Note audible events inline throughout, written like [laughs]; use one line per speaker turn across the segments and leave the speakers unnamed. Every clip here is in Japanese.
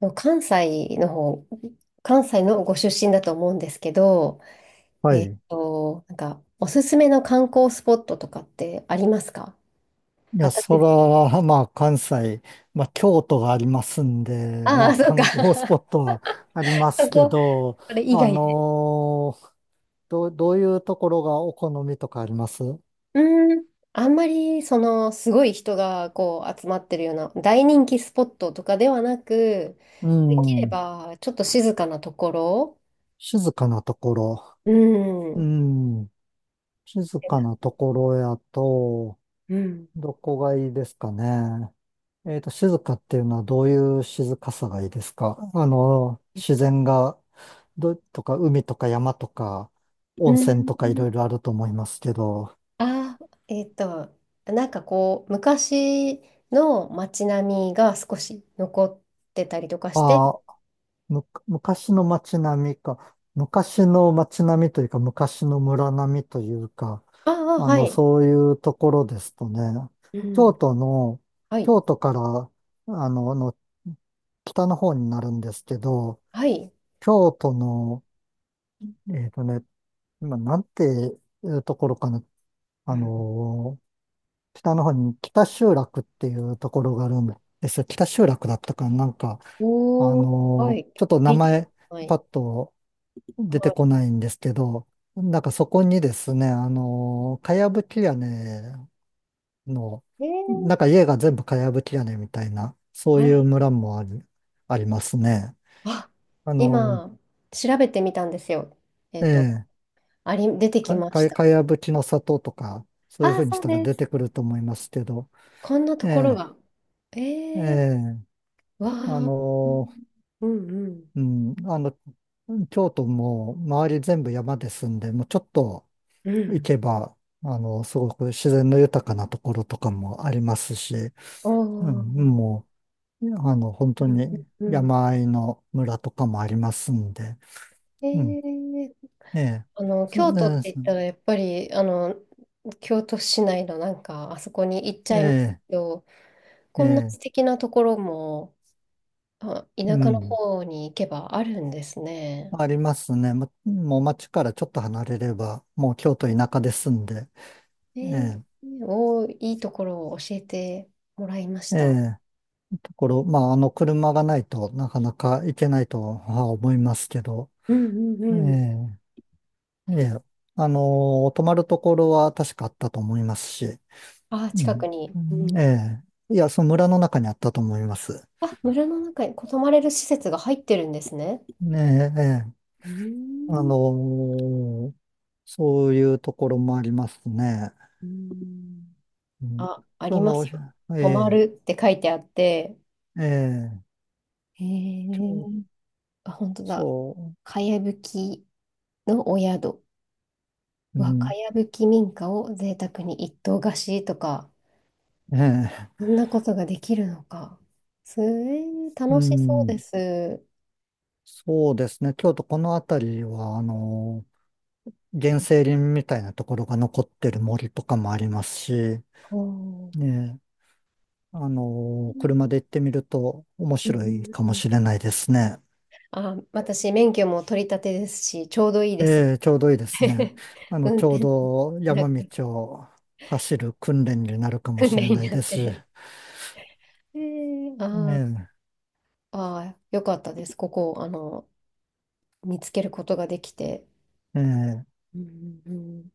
でも関西の方、関西のご出身だと思うんですけど、
はい。
おすすめの観光スポットとかってありますか？
いや、そ
私、
ら、まあ、関西、まあ、京都がありますんで、
あ
ま
あ、
あ、
そうか。
観光スポ
[laughs]
ットはありま
そ
すけ
こ、
ど、
それ以
あ
外で。
のーどういうところがお好みとかあります？
うーん、あんまり、すごい人が、こう、集まってるような、大人気スポットとかではなく、
う
できれ
ん。
ば、ちょっと静かなところ。
静かなところ。
う
う
ん。
ん。静かなところやと、
うん。
どこがいいですかね。静かっていうのはどういう静かさがいいですか？あの、自然が、とか海とか山とか
う
温泉とかい
ん。
ろいろあると思いますけど、
あー、えっと、なんかこう、昔の街並みが少し残ってたりとかして、
ああ、昔の街並みか、昔の街並みというか昔の村並みというか、
ああ、
あ
は
の、
い、
そういうところですとね、
う
京
ん。
都の、
はい、
京都から、あの、あの北の方になるんですけど、
はい、
京都のえっとね、今、なんていうところかな。
う
あ
ん。
のー北の方に北集落っていうところがあるんですよ。北集落だったかな、なんか、
おー、はい、
ちょっと
聞
名
いてくだ
前、
さい。
パッと出てこ
は
ないんですけど、なんかそこにですね、かやぶき屋根の、
い、えー、
なんか家が全部かやぶき屋根みたいな、そう
は
いう
い。
村もあり、ありますね。
あ、
あの
今、調べてみたんですよ。えっと、
ええ、
あり、出てきました。
かやぶきの里とか、そういう
あ
ふ
あ、
うに
そ
し
う
たら
で
出て
す。
くると思いますけど、
こんな
え
ところ
え、
が。え
え
ー、
え、
わ
あ
あ、
の
うんうん。
うん、あの、京都も周り全部山ですんで、もうちょっと
う
行
ん。
けば、あの、すごく自然の豊かなところとかもありますし、うん、
おー、
もう、あの、本当
うん
に
うん。
山あいの村とかもありますんで、
え
うん、
ー、
ええ、
京都っ
え
て言ったら、やっぱり、京都市内のなんか、あそこに行っちゃいます
え、
けど、
え
こんな
え、
素
ええ、
敵なところも、あ、田
う
舎の
ん。
方に行けばあるんですね。
ありますね。もう町からちょっと離れれば、もう京都田舎で住んで、
えー、
え
おー、いいところを教えてもらいまし
え、え
た。
え、ところ、まあ、あの車がないとなかなか行けないとは思いますけど、
うんうん
え
うん。
え、ええ、あの、泊まるところは確かあったと思いますし、
あー、
う
近く
ん、
に。
う
う
ん、
ん。
ええ、いや、その村の中にあったと思います。
あ、村の中に泊まれる施設が入ってるんですね。
ねえ、ええ、
うー
あ
ん。
の、そういうところもありますね。
うん。
うん、
あ、あ
そ
ります
の、
よ。
え
泊ま
え、
るって書いてあって、
ええ、
へえ。あ、本当だ。
そ
かやぶきのお宿。
う、う
うわ、
ん、
かやぶき民家を贅沢に一棟貸しとか、
ねえ、
そんなことができるのか。すえー、
う
楽しそう
ん、
です。
そうですね。京都この辺りは、あの、原生林みたいなところが残ってる森とかもありますし、
おー。
ねえ、あ
う
の、
ん
車で行ってみると面
うん
白
う
い
ん。
か
う
も
ん。
しれないですね。
あ、私、免許も取り立てですし、ちょうどいいです。
ええ、ちょうどいいですね。
[laughs]
あの、
運
ちょう
転、
ど
な
山
んか
道を走る訓練になるかも
訓
し
練
れな
に
い
なっ
ですし、
て。えー、
え
あー
え、
あー、よかったです。ここ、あの、見つけることができて。
ええ、
うんうんうん。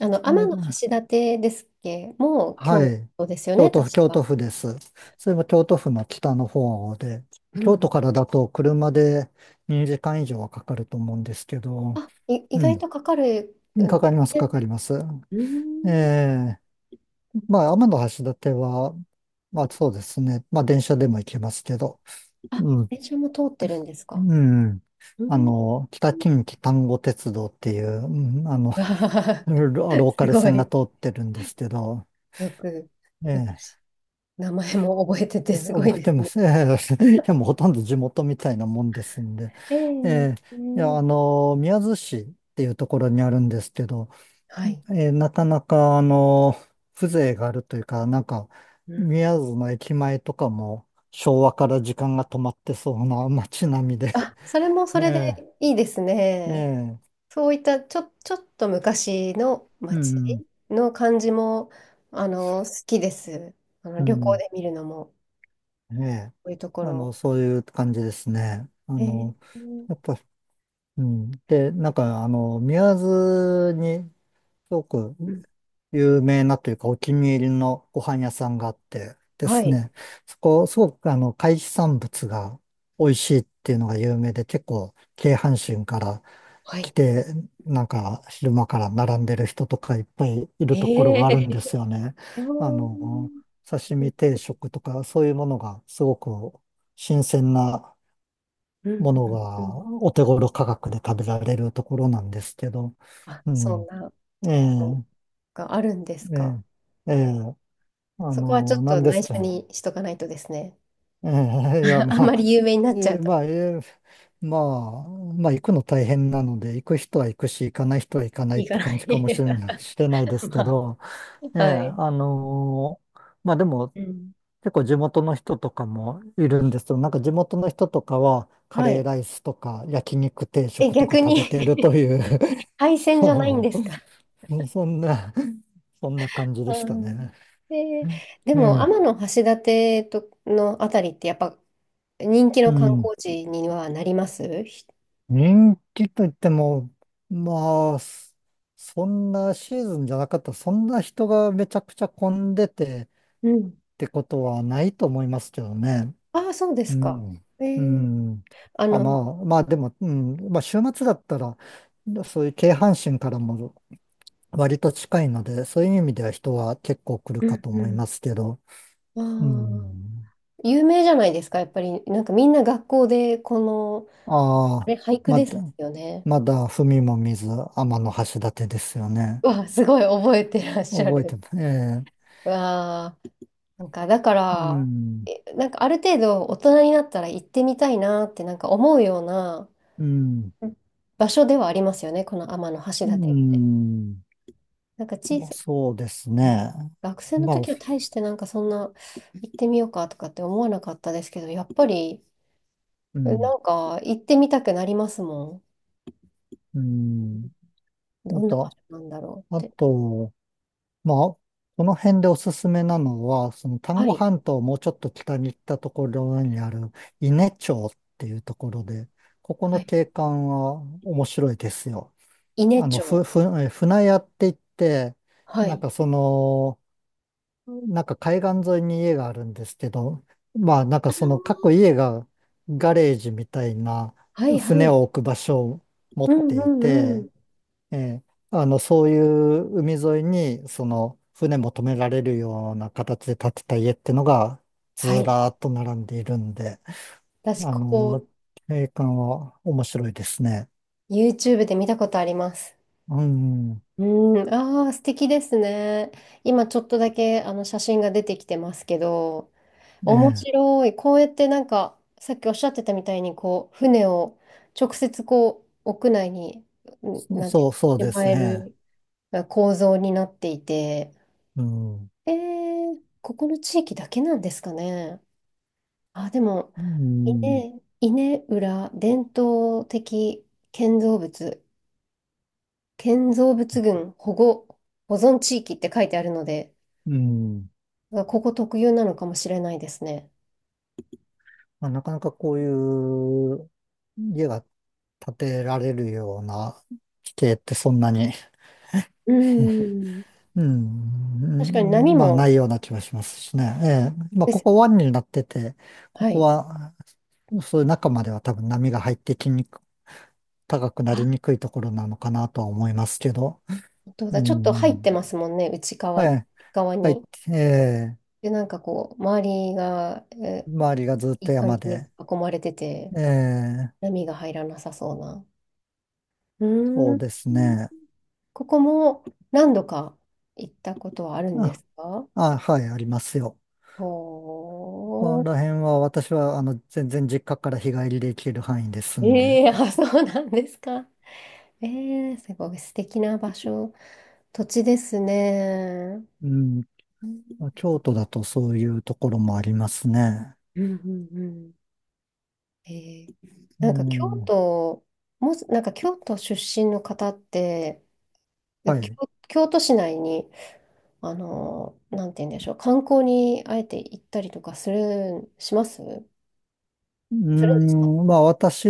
あの、
いや、
天橋立ですっけ？もう
は
京
い。
都ですよね、
京都
確
府、京都
か。
府です。それも京都府の北の方で、
う
京都
ん。
からだと車で2時間以上はかかると思うんですけど、
意
う
外とかかる
ん、
ん
かか
で
ります、
す
か
ね。
かります。
うー
え
ん。
え、まあ、天橋立は、まあそうですね、まあ電車でも行けますけど、
あ、
うん、
電車も通ってるんですか？
うん、
う
あ
ん。
の、北近畿丹後鉄道っていう、うん、あの、
[laughs] わあ、
ロローカ
す
ル
ご
線が
い。
通ってるんですけど、
よく、よく
ええ
し名前も覚えててすごい
覚え
で
て
す
ま
ね。
す。[laughs] いや、もうほとんど地元みたいなもんですんで。
[laughs] ええ。
えー
え
いや、
え。
宮津市っていうところにあるんですけど、
はい。
なかなか、風情があるというか、なんか、
うん。
宮津の駅前とかも昭和から時間が止まってそうな [laughs] 街並みで。
あ、それも
[laughs]
それで
ええ、
いいですね。
ええ、
そういったちょ、ちょっと昔の
う
街
ん、
の感じも、あの、好きです。あ
う
の、旅行
ん、
で見るのも、
うん、ええ、
こういうとこ
あ
ろ。
の、そういう感じですね。あ
えー。
の、やっぱ、うん。で、なんか、あの、宮津に、すごく
うん。
有名なというかお気に入りのご飯屋さんがあってで
は
す
い。
ね、そこ、すごくあの、海産物が美味しいっていうのが有名で、結構、京阪神から
は
来
い。
て、なんか、昼間から並んでる人とかいっぱいい
え
るところがあ
ー、
るんですよね。
[laughs]
あ
う
の、
ん、
刺身定食とか、そういうものがすごく新鮮な
うん、
もの
う
が
ん。
お手頃価格で食べられるところなんですけど、
あ、
う
そん
ん、
な
え
ところ
え、
があるんです
え
か？
え、ええ、あ
そこはちょっ
の、
と
何です
内緒
か。
にしとかないとですね。
ええ、いや、
[laughs]
ま
あん
あ、
まり有名にな
え
っちゃ
え、
うと
まあ、ええ、まあ、まあ、行くの大変なので、行く人は行くし、行かない人は行かないっ
いか
て
な
感
い。
じかもしれな
[laughs]
い、しれないですけ
ま
ど、え
あ、
え、
はい。
あのまあでも、
うん。
結構地元の人とかもいるんですけど、なんか地元の人とかは、カ
は
レー
い。
ライスとか、焼肉定
え、
食とか
逆
食べてる
に
という
海
[laughs]
鮮
あ
じゃないん
の、
ですか？
そんな、そんな感じでし
う
た
ん。
ね。
[laughs] で、でも
え
天
え、
橋立とのあたりってやっぱ人気
う
の観
ん。
光地にはなりますひ。
人気といっても、まあ、そんなシーズンじゃなかったら、そんな人がめちゃくちゃ混んでてっ
うん。
てことはないと思いますけどね。
ああ、そうで
う
すか。
ん。
え
う
ー、
ん。
あ
あ、ま
の、
あ、まあでも、うん。まあ週末だったら、そういう京阪神からも割と近いので、そういう意味では人は結構来る
う
か
ん
と
う
思い
ん。
ますけど。
あ
う
あ、
ん。
有名じゃないですか、やっぱり。なんかみんな学校でこの、あ
ああ、
れ、俳句
ま
です
だ、
よね。
まだ踏みも見ず、天橋立ですよね。
わあ、すごい覚えてらっしゃ
覚えて
る。
ます。ええ、
わあ、なんかだか
う
ら、
ん、
えなんかある程度大人になったら行ってみたいなってなんか思うような
うん、
場所ではありますよね、この天橋
う
立って。
ん。
なんか小
まあ、
さ、
そうですね。
学生の
まあ、
時は大してなんかそんな行ってみようかとかって思わなかったですけど、やっぱり
う
な
ん、
んか行ってみたくなりますも
うん。
ん。ど
あ
んな場所
と、
なんだろ
あ
うって。
と、まあ、この辺でおすすめなのは、その丹
は
後
い。
半島をもうちょっと北に行ったところにある伊根町っていうところで、ここ
は
の
い。
景観は面白いですよ。
伊根
あの、ふ、
町。
ふ、え船屋って言って、
は
なん
い。
かその、なんか海岸沿いに家があるんですけど、まあなんかその各家がガレージみたいな
はいは
船
い。
を置く場所を持
う
っ
ん
て
う
い
んう
て、
ん。
ええ、あのそういう海沿いにその船も止められるような形で建てた家ってのが
は
ず
い。
らーっと並んでいるんで、
私、
あ
こ
の、
こ、
景観は面白いですね。
YouTube で見たことあります。
うん、
うん。ああ、素敵ですね。今ちょっとだけあの写真が出てきてますけど、
え
面
え、
白い。こうやってなんか、さっきおっしゃってたみたいに、こう、船を直接こう、屋内に、うんなんていう
そう
の、
で
しま
す
え
ね。
るまあ構造になっていて、
うん、
えー、ここの地域だけなんですかね。あ、でも、
うん、
稲浦伝統的建造物、建造物群保護、保存地域って書いてあるので、
うん。
まあここ特有なのかもしれないですね。
まあ、なかなかこういう家が建てられるような地形ってそんなに、
うん。
う
確かに
ん、う
波
ん、まあ
も
ないような気がしますしね。ええ、まあ
で
こ
す。
こ湾になってて、こ
は
こ
い。
は、そういう中までは多分波が入ってきにく、高くなりにくいところなのかなとは思いますけど。
本当
う
だ、ちょっと入って
ん、
ますもんね、内側、
はい、
側
はい、
に。
ええ、
で、なんかこう、周りが、え
周りがずっ
い
と
い感
山
じに
で、
囲まれてて、
ええ、
波が入らなさそうな。う
そ
ーん。
うですね。
ここも何度か行ったことはあるんで
あ、
すか？
あ、はい、ありますよ。こ
ほ
こ
ー。
ら辺は私はあの全然実家から日帰りで行ける範囲ですんで、
ええ。あ、そうなんですか。ええ、すごい素敵な場所、土地ですね。
うん、
う
ま
ん
あ京都だとそういうところもありますね。
うんうん。うん。えー。
う
なんか京
ん、は
都、もし、なんか京都出身の方って、で京、
い。
京都市内に、あのなんて言うんでしょう、観光にあえて行ったりとかする、しますする
う
んですか？
ん、まあ私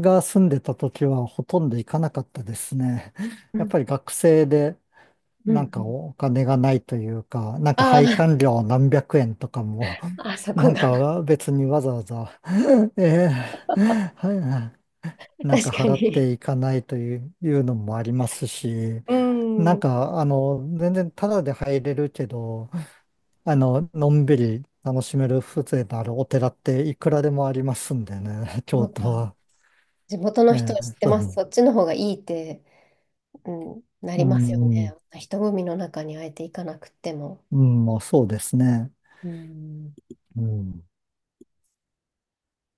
が住んでた時はほとんど行かなかったですね。[laughs]
う
やっ
ん
ぱり学生で
うんう
なんか
ん。
お金がないというか、なんか配
あ
管料何百円とかも、
あ、[laughs]
[laughs]
あそ
な
こ
ん
が。
か別にわざわざ、[laughs] ええ、はい、
[laughs]
なんか
確か
払っ
に。
ていかないという、のもありますし、
う
なん
ん。
か、あの、全然タダで入れるけど、あの、のんびり楽しめる風情のあるお寺っていくらでもありますんでね、[laughs]
そ
京
う
都
か。
は。
地元
え
の人は
え、
知って
そう、
ます。そっちの方がいいって、うん、なり
う
ますよね。
ん、
人混みの中にあえて行かなくっても。
うん、まあそうですね。
うん。
うん